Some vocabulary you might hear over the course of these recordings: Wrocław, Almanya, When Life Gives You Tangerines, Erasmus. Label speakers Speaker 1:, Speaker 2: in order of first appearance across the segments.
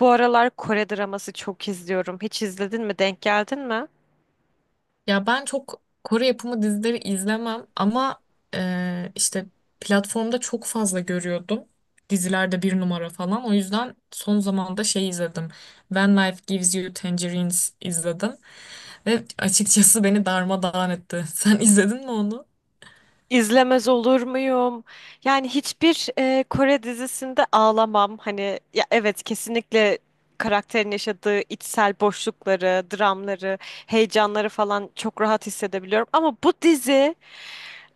Speaker 1: Bu aralar Kore draması çok izliyorum. Hiç izledin mi? Denk geldin mi?
Speaker 2: Ya ben çok Kore yapımı dizileri izlemem ama e, işte platformda çok fazla görüyordum. Dizilerde bir numara falan. O yüzden son zamanda şey izledim. When Life Gives You Tangerines izledim. Ve açıkçası beni darmadağın etti. Sen izledin mi onu?
Speaker 1: İzlemez olur muyum? Yani hiçbir Kore dizisinde ağlamam. Hani ya evet, kesinlikle karakterin yaşadığı içsel boşlukları, dramları, heyecanları falan çok rahat hissedebiliyorum. Ama bu dizi,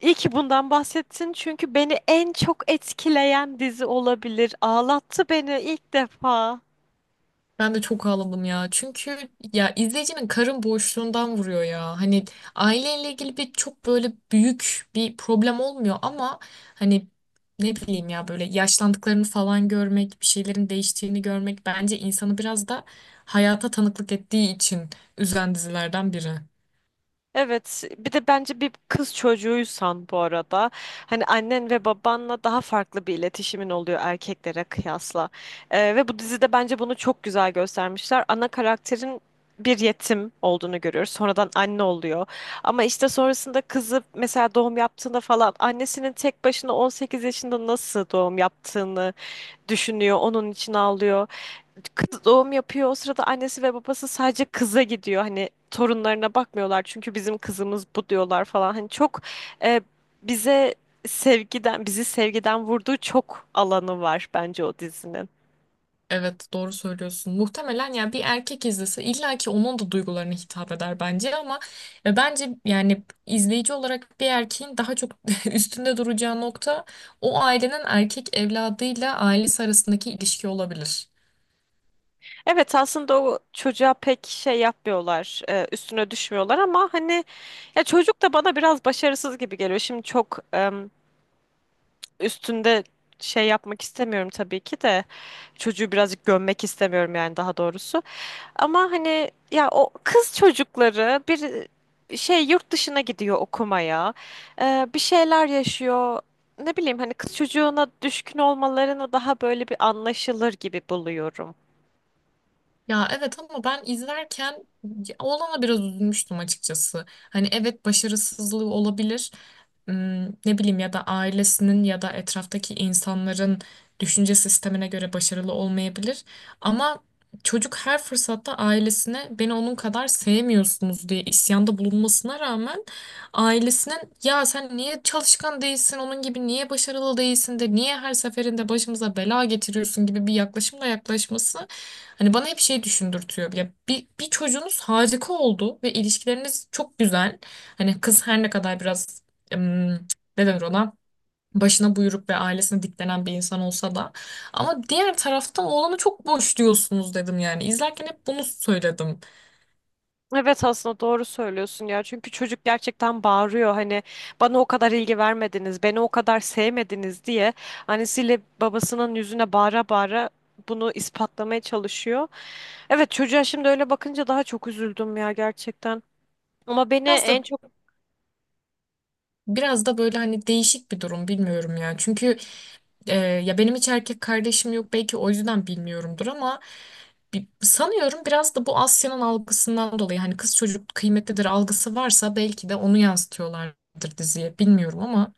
Speaker 1: iyi ki bundan bahsettin, çünkü beni en çok etkileyen dizi olabilir. Ağlattı beni ilk defa.
Speaker 2: Ben de çok ağladım ya. Çünkü ya izleyicinin karın boşluğundan vuruyor ya. Hani aileyle ilgili bir çok böyle büyük bir problem olmuyor ama hani ne bileyim ya böyle yaşlandıklarını falan görmek, bir şeylerin değiştiğini görmek bence insanı biraz da hayata tanıklık ettiği için üzen dizilerden biri.
Speaker 1: Evet, bir de bence bir kız çocuğuysan, bu arada, hani annen ve babanla daha farklı bir iletişimin oluyor erkeklere kıyasla. Ve bu dizide bence bunu çok güzel göstermişler. Ana karakterin bir yetim olduğunu görüyoruz. Sonradan anne oluyor. Ama işte sonrasında kızı mesela doğum yaptığında falan annesinin tek başına 18 yaşında nasıl doğum yaptığını düşünüyor. Onun için ağlıyor, kız doğum yapıyor. O sırada annesi ve babası sadece kıza gidiyor. Hani torunlarına bakmıyorlar, çünkü bizim kızımız bu diyorlar falan. Hani çok e, bize sevgiden, bizi sevgiden vurduğu çok alanı var bence o dizinin.
Speaker 2: Evet, doğru söylüyorsun. Muhtemelen ya bir erkek izlese illa ki onun da duygularına hitap eder bence ama bence yani izleyici olarak bir erkeğin daha çok üstünde duracağı nokta o ailenin erkek evladıyla ailesi arasındaki ilişki olabilir.
Speaker 1: Evet, aslında o çocuğa pek şey yapmıyorlar, üstüne düşmüyorlar, ama hani ya çocuk da bana biraz başarısız gibi geliyor. Şimdi çok üstünde şey yapmak istemiyorum tabii ki de, çocuğu birazcık gömmek istemiyorum yani, daha doğrusu. Ama hani ya o kız çocukları bir şey, yurt dışına gidiyor okumaya. Bir şeyler yaşıyor. Ne bileyim, hani kız çocuğuna düşkün olmalarını daha böyle bir anlaşılır gibi buluyorum.
Speaker 2: Ya evet ama ben izlerken ya oğlana biraz üzülmüştüm açıkçası. Hani evet, başarısızlığı olabilir. Hmm. Ne bileyim ya da ailesinin ya da etraftaki insanların düşünce sistemine göre başarılı olmayabilir. Ama çocuk her fırsatta ailesine beni onun kadar sevmiyorsunuz diye isyanda bulunmasına rağmen ailesinin ya sen niye çalışkan değilsin, onun gibi niye başarılı değilsin de niye her seferinde başımıza bela getiriyorsun gibi bir yaklaşımla yaklaşması hani bana hep şey düşündürtüyor. Ya bir çocuğunuz harika oldu ve ilişkileriniz çok güzel. Hani kız her ne kadar biraz em, ne denir ona, başına buyruk ve ailesine diklenen bir insan olsa da ama diğer taraftan oğlanı çok boş diyorsunuz dedim, yani izlerken hep bunu söyledim.
Speaker 1: Evet, aslında doğru söylüyorsun ya. Çünkü çocuk gerçekten bağırıyor, hani bana o kadar ilgi vermediniz, beni o kadar sevmediniz diye annesiyle babasının yüzüne bağıra bağıra bunu ispatlamaya çalışıyor. Evet, çocuğa şimdi öyle bakınca daha çok üzüldüm ya, gerçekten. Ama beni
Speaker 2: Biraz da
Speaker 1: en çok
Speaker 2: biraz da böyle hani değişik bir durum, bilmiyorum ya. Çünkü ya benim hiç erkek kardeşim yok, belki o yüzden bilmiyorumdur ama sanıyorum biraz da bu Asya'nın algısından dolayı hani kız çocuk kıymetlidir algısı varsa belki de onu yansıtıyorlardır diziye, bilmiyorum ama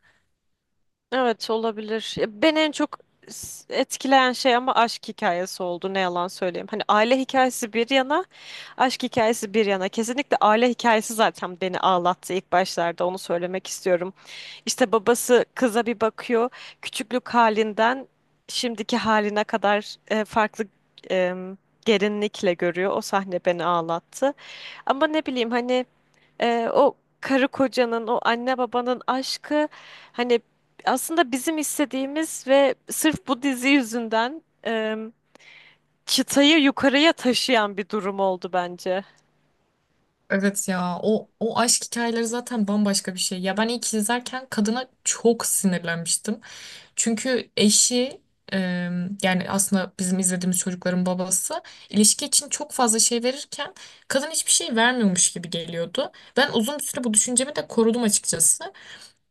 Speaker 1: evet olabilir. Ya, beni en çok etkileyen şey ama aşk hikayesi oldu, ne yalan söyleyeyim. Hani aile hikayesi bir yana, aşk hikayesi bir yana. Kesinlikle aile hikayesi zaten beni ağlattı ilk başlarda, onu söylemek istiyorum. İşte babası kıza bir bakıyor. Küçüklük halinden şimdiki haline kadar farklı e, derinlikle görüyor. O sahne beni ağlattı. Ama ne bileyim, hani o karı kocanın, o anne babanın aşkı, hani aslında bizim istediğimiz ve sırf bu dizi yüzünden çıtayı yukarıya taşıyan bir durum oldu bence.
Speaker 2: evet, ya o aşk hikayeleri zaten bambaşka bir şey. Ya ben ilk izlerken kadına çok sinirlenmiştim. Çünkü eşi, e, yani aslında bizim izlediğimiz çocukların babası, ilişki için çok fazla şey verirken kadın hiçbir şey vermiyormuş gibi geliyordu. Ben uzun bir süre bu düşüncemi de korudum açıkçası.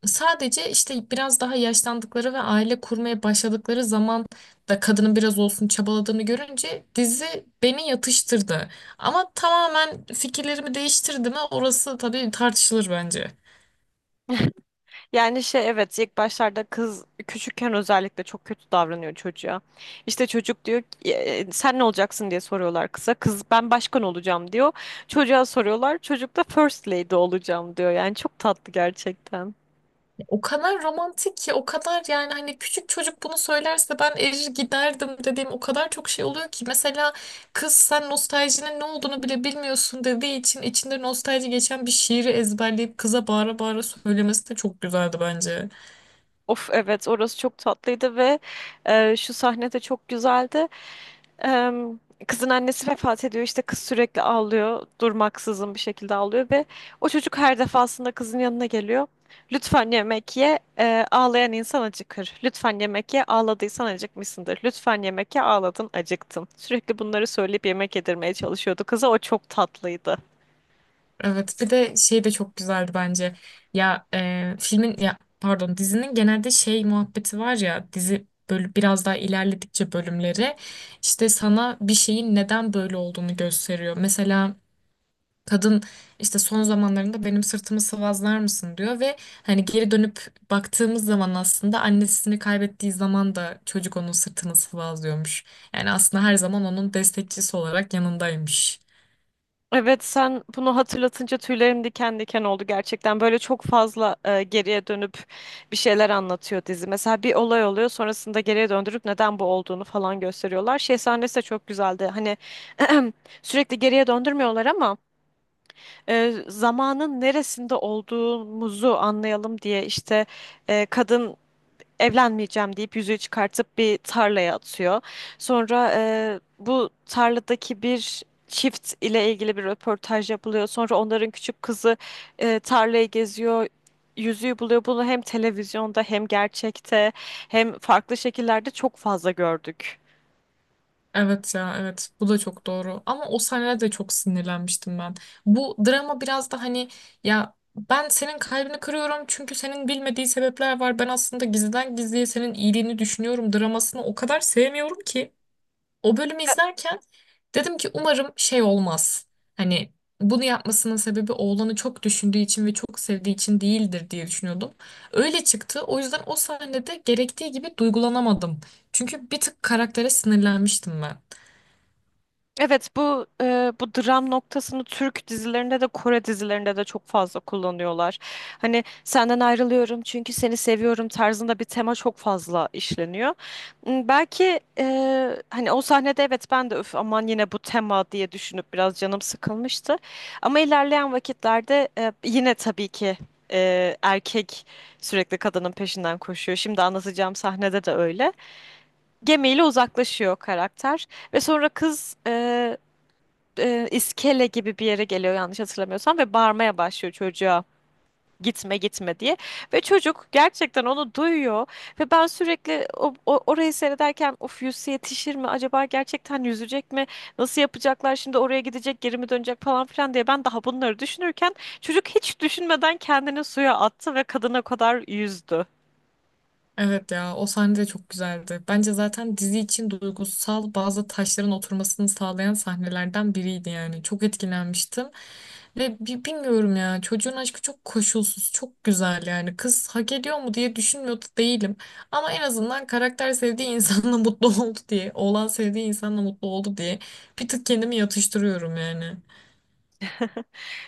Speaker 2: Sadece işte biraz daha yaşlandıkları ve aile kurmaya başladıkları zaman da kadının biraz olsun çabaladığını görünce dizi beni yatıştırdı. Ama tamamen fikirlerimi değiştirdi mi, orası tabii tartışılır bence.
Speaker 1: Yani şey, evet, ilk başlarda kız küçükken özellikle çok kötü davranıyor çocuğa. İşte çocuk diyor ki, " sen ne olacaksın diye soruyorlar kıza. Kız ben başkan olacağım diyor. Çocuğa soruyorlar. Çocuk da first lady olacağım diyor. Yani çok tatlı gerçekten.
Speaker 2: O kadar romantik ki, o kadar yani hani küçük çocuk bunu söylerse ben erir giderdim dediğim o kadar çok şey oluyor ki. Mesela kız sen nostaljinin ne olduğunu bile bilmiyorsun dediği için içinde nostalji geçen bir şiiri ezberleyip kıza bağıra bağıra söylemesi de çok güzeldi bence.
Speaker 1: Of, evet, orası çok tatlıydı ve şu sahne de çok güzeldi. Em, Kızın annesi vefat ediyor, işte kız sürekli ağlıyor, durmaksızın bir şekilde ağlıyor ve o çocuk her defasında kızın yanına geliyor. Lütfen yemek ye, ağlayan insan acıkır. Lütfen yemek ye, ağladıysan acıkmışsındır. Lütfen yemek ye, ağladın acıktın. Sürekli bunları söyleyip yemek yedirmeye çalışıyordu kıza, o çok tatlıydı.
Speaker 2: Evet, bir de şey de çok güzeldi bence. Ya filmin, ya pardon, dizinin genelde şey muhabbeti var ya, dizi böyle biraz daha ilerledikçe bölümleri işte sana bir şeyin neden böyle olduğunu gösteriyor. Mesela kadın işte son zamanlarında benim sırtımı sıvazlar mısın diyor ve hani geri dönüp baktığımız zaman aslında annesini kaybettiği zaman da çocuk onun sırtını sıvazlıyormuş. Yani aslında her zaman onun destekçisi olarak yanındaymış.
Speaker 1: Evet, sen bunu hatırlatınca tüylerim diken diken oldu gerçekten. Böyle çok fazla geriye dönüp bir şeyler anlatıyor dizi. Mesela bir olay oluyor, sonrasında geriye döndürüp neden bu olduğunu falan gösteriyorlar. Şey sahnesi de çok güzeldi. Hani sürekli geriye döndürmüyorlar, ama zamanın neresinde olduğumuzu anlayalım diye işte kadın evlenmeyeceğim deyip yüzüğü çıkartıp bir tarlaya atıyor. Sonra bu tarladaki bir çift ile ilgili bir röportaj yapılıyor. Sonra onların küçük kızı tarlayı geziyor. Yüzüğü buluyor. Bunu hem televizyonda, hem gerçekte, hem farklı şekillerde çok fazla gördük.
Speaker 2: Evet ya, evet bu da çok doğru ama o sahnede de çok sinirlenmiştim ben. Bu drama biraz da hani ya ben senin kalbini kırıyorum çünkü senin bilmediği sebepler var. Ben aslında gizliden gizliye senin iyiliğini düşünüyorum dramasını o kadar sevmiyorum ki. O bölümü izlerken dedim ki umarım şey olmaz. Hani bunu yapmasının sebebi oğlanı çok düşündüğü için ve çok sevdiği için değildir diye düşünüyordum. Öyle çıktı. O yüzden o sahnede gerektiği gibi duygulanamadım. Çünkü bir tık karaktere sinirlenmiştim ben.
Speaker 1: Evet, bu bu dram noktasını Türk dizilerinde de Kore dizilerinde de çok fazla kullanıyorlar. Hani senden ayrılıyorum çünkü seni seviyorum tarzında bir tema çok fazla işleniyor. Belki hani o sahnede evet ben de öf aman yine bu tema diye düşünüp biraz canım sıkılmıştı. Ama ilerleyen vakitlerde yine tabii ki erkek sürekli kadının peşinden koşuyor. Şimdi anlatacağım sahnede de öyle. Gemiyle uzaklaşıyor karakter. Ve sonra kız iskele gibi bir yere geliyor yanlış hatırlamıyorsam ve bağırmaya başlıyor çocuğa gitme gitme diye, ve çocuk gerçekten onu duyuyor ve ben sürekli orayı seyrederken of yüzse yetişir mi acaba, gerçekten yüzecek mi, nasıl yapacaklar şimdi, oraya gidecek, geri mi dönecek falan filan diye ben daha bunları düşünürken çocuk hiç düşünmeden kendini suya attı ve kadına kadar yüzdü.
Speaker 2: Evet ya, o sahne de çok güzeldi. Bence zaten dizi için duygusal bazı taşların oturmasını sağlayan sahnelerden biriydi yani. Çok etkilenmiştim. Ve bilmiyorum ya, çocuğun aşkı çok koşulsuz, çok güzel yani. Kız hak ediyor mu diye düşünmüyordu değilim. Ama en azından karakter sevdiği insanla mutlu oldu diye, oğlan sevdiği insanla mutlu oldu diye bir tık kendimi yatıştırıyorum yani.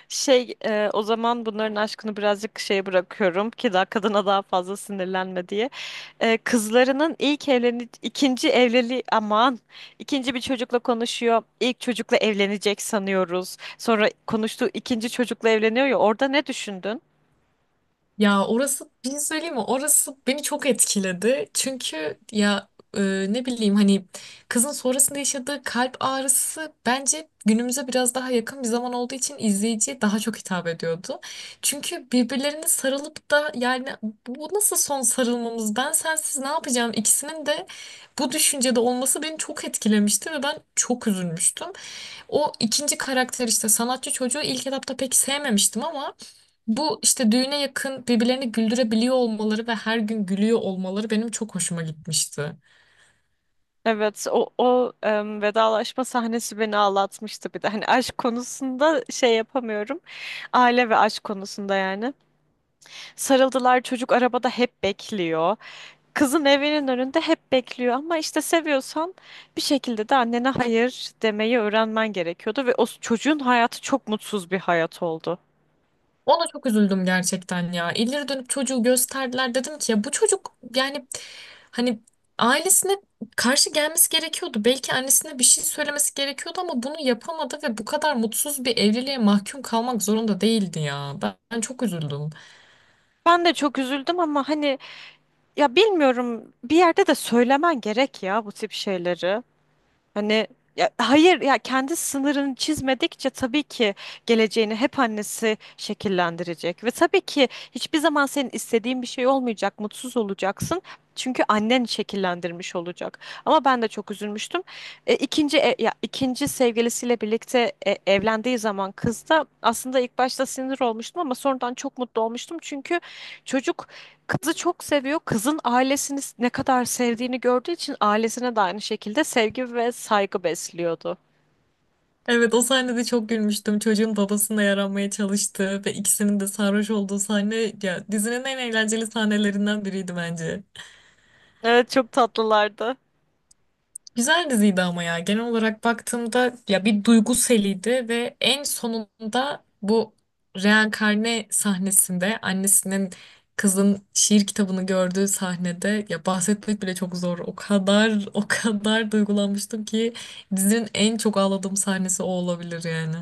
Speaker 1: Şey, o zaman bunların aşkını birazcık şeye bırakıyorum ki daha kadına daha fazla sinirlenme diye. Kızlarının ilk evleni ikinci evliliği, aman, ikinci bir çocukla konuşuyor. İlk çocukla evlenecek sanıyoruz. Sonra konuştuğu ikinci çocukla evleniyor ya, orada ne düşündün?
Speaker 2: Ya orası, bir şey söyleyeyim mi? Orası beni çok etkiledi. Çünkü ya e, ne bileyim hani kızın sonrasında yaşadığı kalp ağrısı bence günümüze biraz daha yakın bir zaman olduğu için izleyiciye daha çok hitap ediyordu. Çünkü birbirlerine sarılıp da yani bu nasıl son sarılmamız? Ben sensiz ne yapacağım? İkisinin de bu düşüncede olması beni çok etkilemişti ve ben çok üzülmüştüm. O ikinci karakter, işte sanatçı çocuğu ilk etapta pek sevmemiştim ama bu işte düğüne yakın birbirlerini güldürebiliyor olmaları ve her gün gülüyor olmaları benim çok hoşuma gitmişti.
Speaker 1: Evet, o, o vedalaşma sahnesi beni ağlatmıştı bir de. Hani aşk konusunda şey yapamıyorum. Aile ve aşk konusunda yani. Sarıldılar, çocuk arabada hep bekliyor. Kızın evinin önünde hep bekliyor, ama işte seviyorsan bir şekilde de annene hayır demeyi öğrenmen gerekiyordu ve çocuğun hayatı çok mutsuz bir hayat oldu.
Speaker 2: Ona çok üzüldüm gerçekten ya. İleri dönüp çocuğu gösterdiler. Dedim ki ya bu çocuk, yani hani ailesine karşı gelmesi gerekiyordu. Belki annesine bir şey söylemesi gerekiyordu ama bunu yapamadı ve bu kadar mutsuz bir evliliğe mahkum kalmak zorunda değildi ya. Ben çok üzüldüm.
Speaker 1: Ben de çok üzüldüm, ama hani ya bilmiyorum, bir yerde de söylemen gerek ya bu tip şeyleri. Hani ya, hayır ya, kendi sınırını çizmedikçe tabii ki geleceğini hep annesi şekillendirecek ve tabii ki hiçbir zaman senin istediğin bir şey olmayacak, mutsuz olacaksın. Çünkü annen şekillendirmiş olacak. Ama ben de çok üzülmüştüm. İkinci ya ikinci sevgilisiyle birlikte evlendiği zaman kız da, aslında ilk başta sinir olmuştum, ama sonradan çok mutlu olmuştum. Çünkü çocuk kızı çok seviyor. Kızın ailesini ne kadar sevdiğini gördüğü için ailesine de aynı şekilde sevgi ve saygı besliyordu.
Speaker 2: Evet, o sahnede çok gülmüştüm. Çocuğun babasına yaranmaya çalıştığı ve ikisinin de sarhoş olduğu sahne ya dizinin en eğlenceli sahnelerinden biriydi bence.
Speaker 1: Evet, çok tatlılardı.
Speaker 2: Güzel diziydi ama ya genel olarak baktığımda ya bir duygu seliydi ve en sonunda bu reenkarne sahnesinde annesinin kızın şiir kitabını gördüğü sahnede ya bahsetmek bile çok zor. O kadar, o kadar duygulanmıştım ki dizinin en çok ağladığım sahnesi o olabilir yani.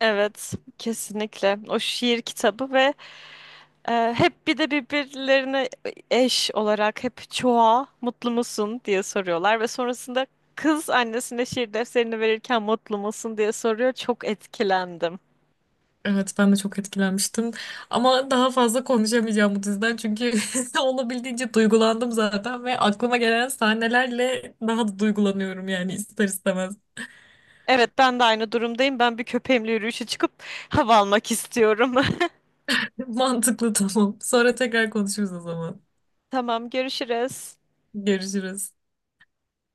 Speaker 1: Evet, kesinlikle. O şiir kitabı ve hep bir de birbirlerine eş olarak hep çoğa mutlu musun diye soruyorlar ve sonrasında kız annesine şiir defterini verirken mutlu musun diye soruyor. Çok etkilendim.
Speaker 2: Evet ben de çok etkilenmiştim. Ama daha fazla konuşamayacağım bu diziden çünkü olabildiğince duygulandım zaten ve aklıma gelen sahnelerle daha da duygulanıyorum yani ister istemez.
Speaker 1: Evet, ben de aynı durumdayım. Ben bir köpeğimle yürüyüşe çıkıp hava almak istiyorum.
Speaker 2: Mantıklı, tamam. Sonra tekrar konuşuruz o zaman.
Speaker 1: Tamam, görüşürüz.
Speaker 2: Görüşürüz.